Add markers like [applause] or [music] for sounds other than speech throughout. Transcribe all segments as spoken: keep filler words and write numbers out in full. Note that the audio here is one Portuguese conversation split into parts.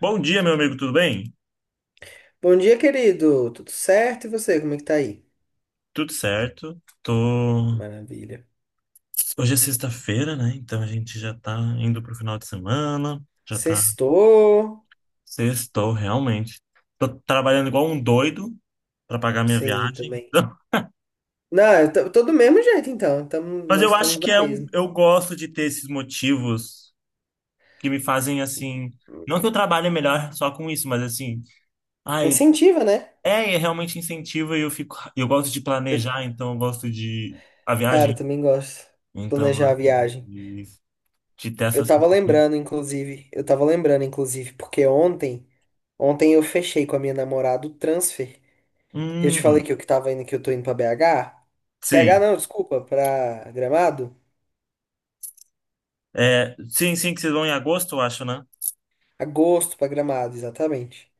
Bom dia, meu amigo, tudo bem? Bom dia, querido. Tudo certo? E você, como é que tá aí? Tudo certo. Tô... Maravilha. Hoje é sexta-feira, né? Então a gente já tá indo pro final de semana, já tá Sextou? sextou, realmente. Tô trabalhando igual um doido pra pagar minha Sim, viagem. também. [laughs] Não, eu tô, tô do mesmo jeito, então. Tamo, Mas nós eu acho estamos que na é um... mesma. eu gosto de ter esses motivos que me fazem assim. Não que eu trabalhe melhor só com isso, mas assim. Ai, Incentiva, né? é, é realmente incentivo e eu fico. Eu gosto de planejar, então eu gosto de. A Cara, eu viagem. também gosto de Então eu planejar a gosto viagem. de de ter essa Eu tava sensação. lembrando, inclusive. Eu tava lembrando, inclusive, porque ontem, ontem eu fechei com a minha namorada o transfer. Eu te falei Hum, que eu que tava indo, que eu tô indo pra B H. B H sim. não, desculpa, pra Gramado. É, sim, sim, que vocês vão em agosto, eu acho, né? Agosto pra Gramado, exatamente.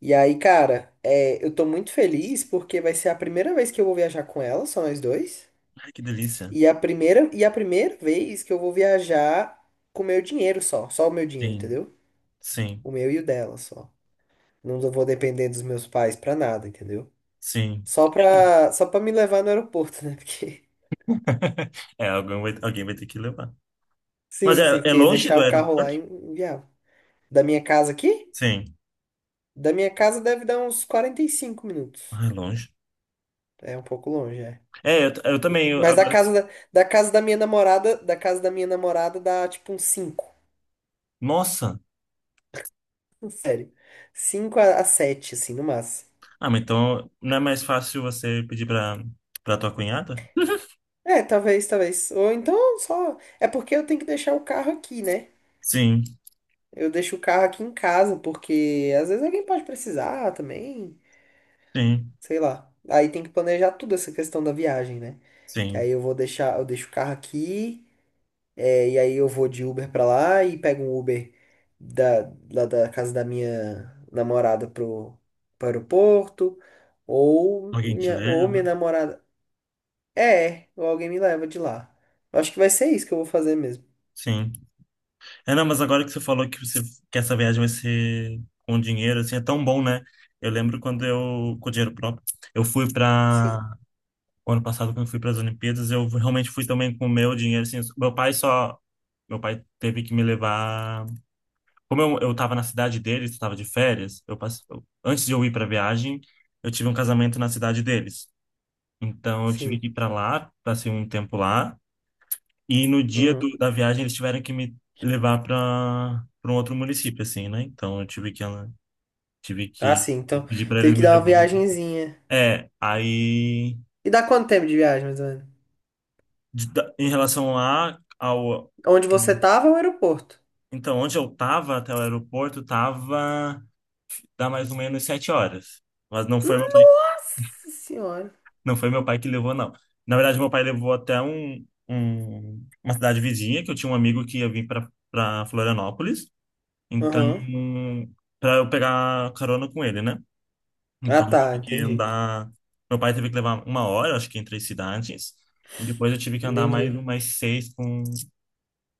E aí, cara, é, eu tô muito feliz porque vai ser a primeira vez que eu vou viajar com ela, só nós dois. Ai, que delícia. E a primeira, e a primeira vez que eu vou viajar com o meu dinheiro só, só o meu dinheiro, Sim, entendeu? sim, O meu e o dela só. Não vou depender dos meus pais pra nada, entendeu? sim. Só pra, só pra me levar no aeroporto, né? [laughs] Porque, [laughs] É, alguém vai, alguém vai ter que levar. Mas sim, é, sim, é porque longe deixar do o carro lá é aeroporto? inviável. Da minha casa aqui? Sim. Da minha casa deve dar uns quarenta e cinco minutos. Ah, é longe. É um pouco longe, é. É, eu, t- eu também. eu- Mas da agora, casa da, da casa da minha namorada, da casa da minha namorada dá tipo um cinco. nossa! Sério. Cinco a sete assim, no máximo. Ah, mas então não é mais fácil você pedir pra, pra tua cunhada? É, talvez, talvez. Ou então só. É porque eu tenho que deixar o carro aqui, né? Sim, Eu deixo o carro aqui em casa, porque às vezes alguém pode precisar também. sim, Sei lá. Aí tem que planejar tudo essa questão da viagem, né? Que sim. aí eu vou deixar, eu deixo o carro aqui. É, e aí eu vou de Uber pra lá e pego um Uber da, lá da casa da minha namorada pro, pro aeroporto. Ou Alguém te minha, ou leva? minha namorada. É, ou alguém me leva de lá. Eu acho que vai ser isso que eu vou fazer mesmo. Sim. É, não, mas agora que você falou que você que essa viagem vai ser com dinheiro, assim, é tão bom, né? Eu lembro quando eu, com dinheiro próprio, eu fui para Sim, o ano passado, quando eu fui para as Olimpíadas, eu realmente fui também com o meu dinheiro, assim, meu pai só, meu pai teve que me levar, como eu, eu tava na cidade deles, estava de férias, eu passei, antes de eu ir para a viagem, eu tive um casamento na cidade deles. Então eu tive sim. que ir para lá, passei um tempo lá, e no dia do- Uhum. da viagem eles tiveram que me levar para para um outro município, assim, né? Então eu tive que tive Ah, que sim. Então, pedir para eles teve que me dar uma levarem. viagenzinha. É, aí E dá quanto tempo de viagem, mais ou menos? de- da- em relação lá ao Onde você tava é o aeroporto. então onde eu tava até o aeroporto tava dá mais ou menos sete horas, mas não foi meu pai, Nossa senhora. não foi meu pai que levou não. Na verdade meu pai levou até um, um- uma cidade vizinha que eu tinha um amigo que ia vir para para Florianópolis. Então, Aham. para eu pegar carona com ele, né? Ah, Então, eu tá. tive que Entendi. andar. Meu pai teve que levar uma hora, acho que entre as cidades. E depois eu tive que andar mais Entendi. umas seis com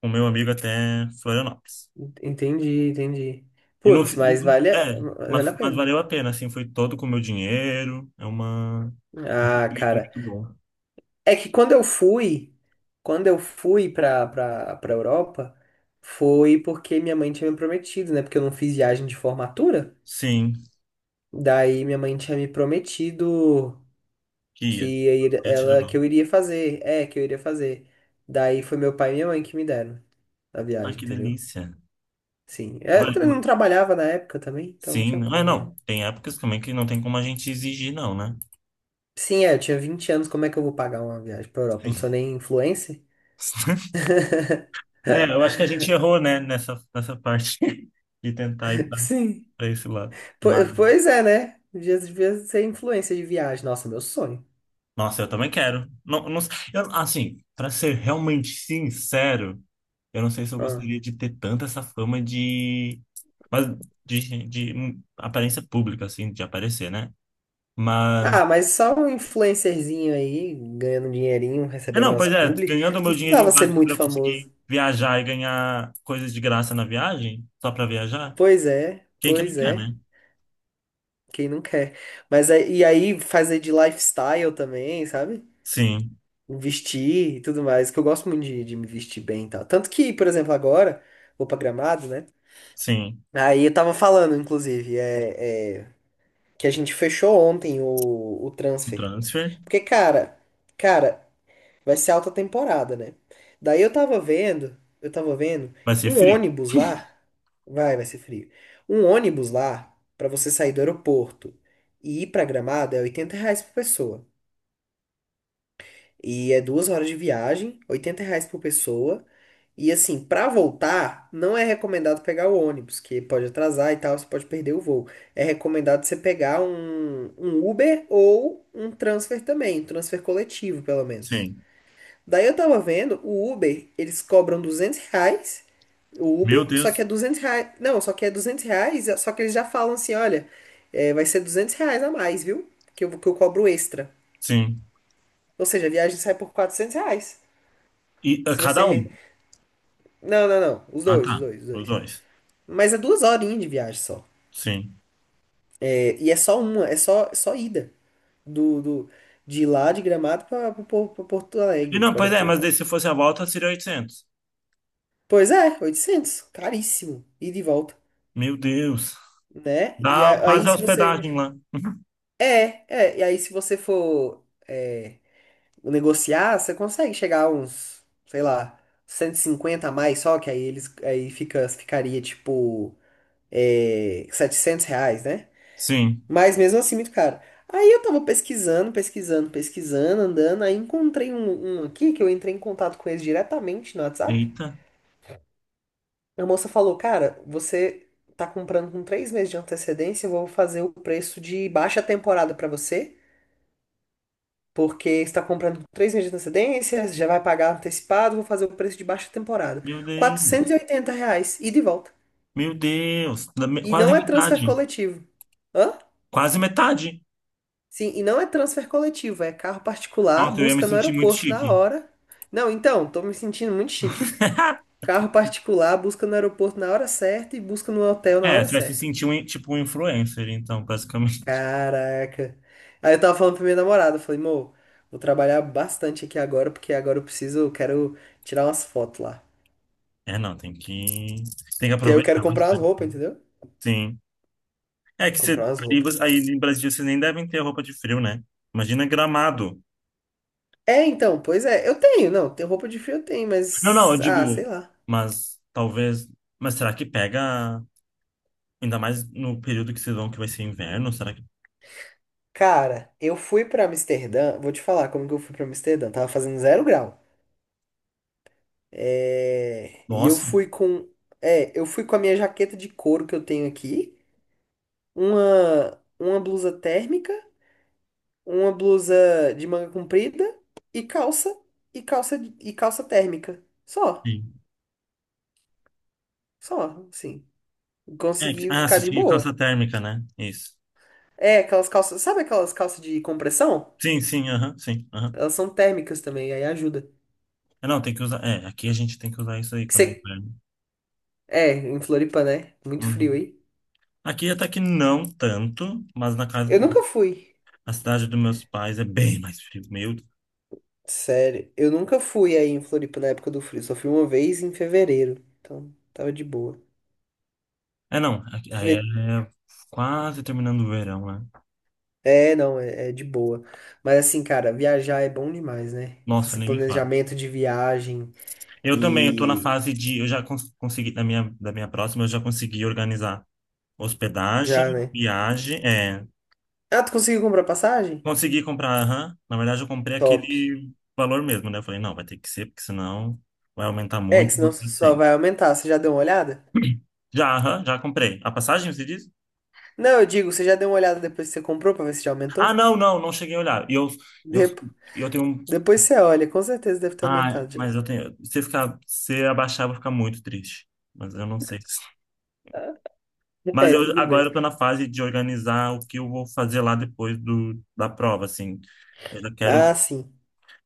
o meu amigo até Florianópolis. Entendi, entendi. E no, Putz, mas vale a, é, vale mas, a mas pena. valeu a pena, assim, foi todo com o meu dinheiro. É uma, um Ah, sentimento cara. muito bom. É que quando eu fui, quando eu fui pra, pra, pra Europa, foi porque minha mãe tinha me prometido, né? Porque eu não fiz viagem de formatura. Sim, Daí minha mãe tinha me prometido que Kia, ia ir- eu te ela levar. que eu iria fazer. É, que eu iria fazer. Daí foi meu pai e minha mãe que me deram a Ah, viagem, que entendeu? delícia. Sim. É, Vale- Eu va- não trabalhava na época também, então não Sim, tinha ah, como, né? não. Tem épocas também que não tem como a gente exigir, não, né? Sim, é, eu tinha vinte anos, como é que eu vou pagar uma viagem pra Europa? Eu não sou [laughs] nem influencer? [laughs] É, eu acho que a gente errou, né, nessa, nessa parte [laughs] de tentar ir pra Sim. pra esse lado. Po- Mas, Pois é, né? Devia, devia ser influencer de viagem. Nossa, meu sonho. nossa, eu também quero. Não, não, eu, assim, pra ser realmente sincero, eu não sei se eu Ah. gostaria de ter tanta essa fama de, mas de, de hum, aparência pública, assim, de aparecer, né? Mas, Ah, mas só um influencerzinho aí, ganhando um dinheirinho, é, recebendo não, pois nosso é, publi. ganhando o Não meu dinheirinho precisava ser básico pra muito eu conseguir famoso. viajar e ganhar coisas de graça na viagem, só pra viajar, Pois é, quem que não pois quer, é. né? Quem não quer? Mas aí- e aí fazer de lifestyle também, sabe? Sim, Vestir e tudo mais, que eu gosto muito de, de me vestir bem e tal. Tanto que, por exemplo, agora, vou pra Gramado, né? sim. Aí eu tava falando, inclusive, é, é, que a gente fechou ontem o, o O transfer. transfer Porque, cara, cara, vai ser alta temporada, né? Daí eu tava vendo, eu tava vendo vai ser um frio. ônibus [laughs] lá. Vai, vai ser frio. Um ônibus lá, pra você sair do aeroporto e ir pra Gramado, é oitenta reais por pessoa. E é duas horas de viagem, oitenta reais por pessoa. E assim, para voltar, não é recomendado pegar o ônibus, que pode atrasar e tal, você pode perder o voo. É recomendado você pegar um, um Uber ou um transfer também, um transfer coletivo, pelo menos. Sim. Daí eu tava vendo, o Uber, eles cobram duzentos reais, o Meu Uber, só que Deus. é duzentos reais, não, só que é duzentos reais, só que eles já falam assim, olha, é, vai ser duzentos reais a mais, viu? Que eu, que eu cobro extra. Sim. Ou seja, a viagem sai por quatrocentos reais. E a Se cada você... um? re- Não, não, não, os Ah, dois, os tá. dois, os Os dois. dois. Mas é duas horinhas de viagem só. Sim. É, e é só uma, é só, é só ida. Do, do, de lá de Gramado para Porto E Alegre, não, para o pois é, mas aeroporto. daí se fosse a volta seria oitocentos. Pois é, oitocentos. Caríssimo. E de volta. Meu Deus. Né? E Dá a- Aí quase a se você. hospedagem lá. É, é. E aí se você for é, negociar, você consegue chegar a uns, sei lá, cento e cinquenta a mais só, que aí eles. Aí fica, ficaria tipo. É, setecentos reais, né? Sim. Mas mesmo assim, muito caro. Aí eu tava pesquisando, pesquisando, pesquisando, andando. Aí encontrei um, um aqui que eu entrei em contato com eles diretamente no WhatsApp. Eita. A moça falou: Cara, você tá comprando com três meses de antecedência, eu vou fazer o preço de baixa temporada pra você. Porque você está comprando com três meses de antecedência, você já vai pagar antecipado, vou fazer o preço de baixa temporada. Meu Deus. Quatrocentos e oitenta reais, ida e volta. Meu Deus. Da me- E Quase não é transfer metade. coletivo. Hã? Quase metade. Sim, e não é transfer coletivo, é carro particular, Nossa, eu ia me busca no sentir muito aeroporto na chique. hora. Não, então, tô me sentindo muito chique. [laughs] Carro particular, busca no aeroporto na hora certa e busca no hotel na É, hora você vai se certa. sentir um, in- tipo um influencer, então, basicamente. Caraca. Aí eu tava falando pra minha namorada, eu falei, amor, vou trabalhar bastante aqui agora, porque agora eu preciso, eu quero tirar umas fotos lá. É, não, tem que... Tem que Que aí eu quero aproveitar comprar umas bastante. roupas, entendeu? Sim. É que você, Comprar umas aí roupas. você- aí em Brasília vocês nem devem ter roupa de frio, né? Imagina Gramado. É, então, pois é, eu tenho, não, tem roupa de frio eu tenho, Não, não, eu mas, digo, ah, sei lá. mas talvez. Mas será que pega, ainda mais no período que vocês vão, que vai ser inverno? Será que. Cara, eu fui pra Amsterdã, vou te falar como que eu fui pra Amsterdã, tava fazendo zero grau. É, E eu Nossa, fui com, é, eu fui com a minha jaqueta de couro que eu tenho aqui, uma uma blusa térmica, uma blusa de manga comprida e calça e calça e calça térmica. Só, sim. só, assim. É, que- Consegui ah, ficar se de tinha calça boa. térmica, né? Isso. É, aquelas calças, sabe aquelas calças de compressão? Sim, sim, aham, sim, aham. Elas são térmicas também, aí ajuda. É, não, tem que usar. É, aqui a gente tem que usar isso aí Que quando é você, inverno. É, em Floripa, né? Muito frio Uhum. aí. Aqui até que não tanto, mas na casa, Eu nunca fui. na cidade dos meus pais é bem mais frio. Meu Sério, eu nunca fui aí em Floripa na época do frio. Só fui uma vez em fevereiro. Então, tava de boa. é, não. aqui- Aí é Fe- quase terminando o verão, né? É, não, é, é de boa. Mas assim, cara, viajar é bom demais, né? Nossa, Esse nem me fala. planejamento de viagem Eu também, eu tô na e fase de... Eu já cons- consegui, da minha, da minha próxima, eu já consegui organizar já, hospedagem, né? viagem, é... Ah, tu conseguiu comprar passagem? Consegui comprar, aham. Na verdade, eu comprei Top. aquele valor mesmo, né? Eu falei, não, vai ter que ser, porque senão vai aumentar É, que muito senão o que eu só tenho. vai aumentar. Você já deu uma olhada? Já, aham, já comprei. A passagem, você diz? Não, eu digo, você já deu uma olhada depois que você comprou pra ver se já Ah, aumentou? não, não, não cheguei a olhar. E eu, eu, Dep- eu tenho um... Depois você olha, com certeza deve ter Ah, aumentado já. mas eu tenho... Se ficar, se abaixar, eu vou ficar muito triste. Mas eu não sei. [laughs] Mas É, eu tudo agora bem. eu tô na fase de organizar o que eu vou fazer lá depois do, da prova, assim. Eu já quero Ah, sim.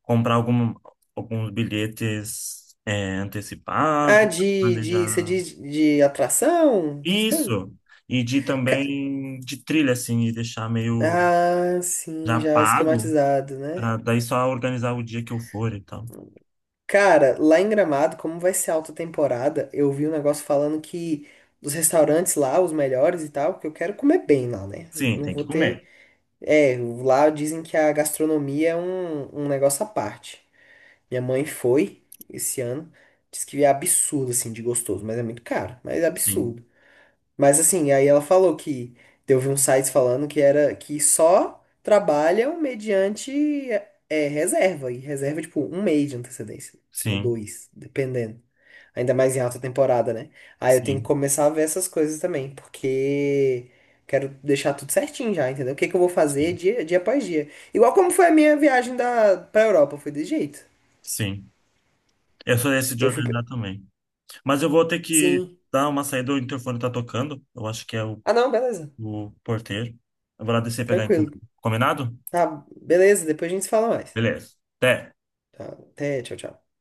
comprar algum, alguns bilhetes é, Ah, antecipados, de, de, você planejar diz de atração, essas coisas? isso, e de Ca- também de trilha, assim, e deixar meio Ah, sim, já já pago, esquematizado, né? para daí só organizar o dia que eu for e tal. Cara, lá em Gramado, como vai ser alta temporada, eu vi um negócio falando que os restaurantes lá, os melhores e tal, que eu quero comer bem lá, né? Eu Sim, não tem que vou ter. comer. É, lá dizem que a gastronomia é um, um negócio à parte. Minha mãe foi esse ano, disse que é absurdo, assim, de gostoso, mas é muito caro, mas é Sim, absurdo. Mas assim, aí ela falou que eu vi uns sites falando que era que só trabalham mediante é, reserva. E reserva, tipo, um mês de antecedência. Ou sim, dois, dependendo. Ainda mais em alta temporada, né? Aí eu tenho que sim, começar a ver essas coisas também, porque quero deixar tudo certinho já, entendeu? O que que eu vou fazer sim, dia, dia após dia. Igual como foi a minha viagem da, pra Europa, foi desse jeito. sim. Eu sou esse de Eu fui. pra- organizar também. Mas eu vou ter que Sim. dar uma saída, o interfone tá tocando. Eu acho que é o, Ah, não, beleza. o porteiro. Eu vou lá descer e pegar a Tranquilo. encomenda. Combinado? Tá, beleza, depois a gente se fala mais. Beleza. Até. Tá, até, tchau, tchau.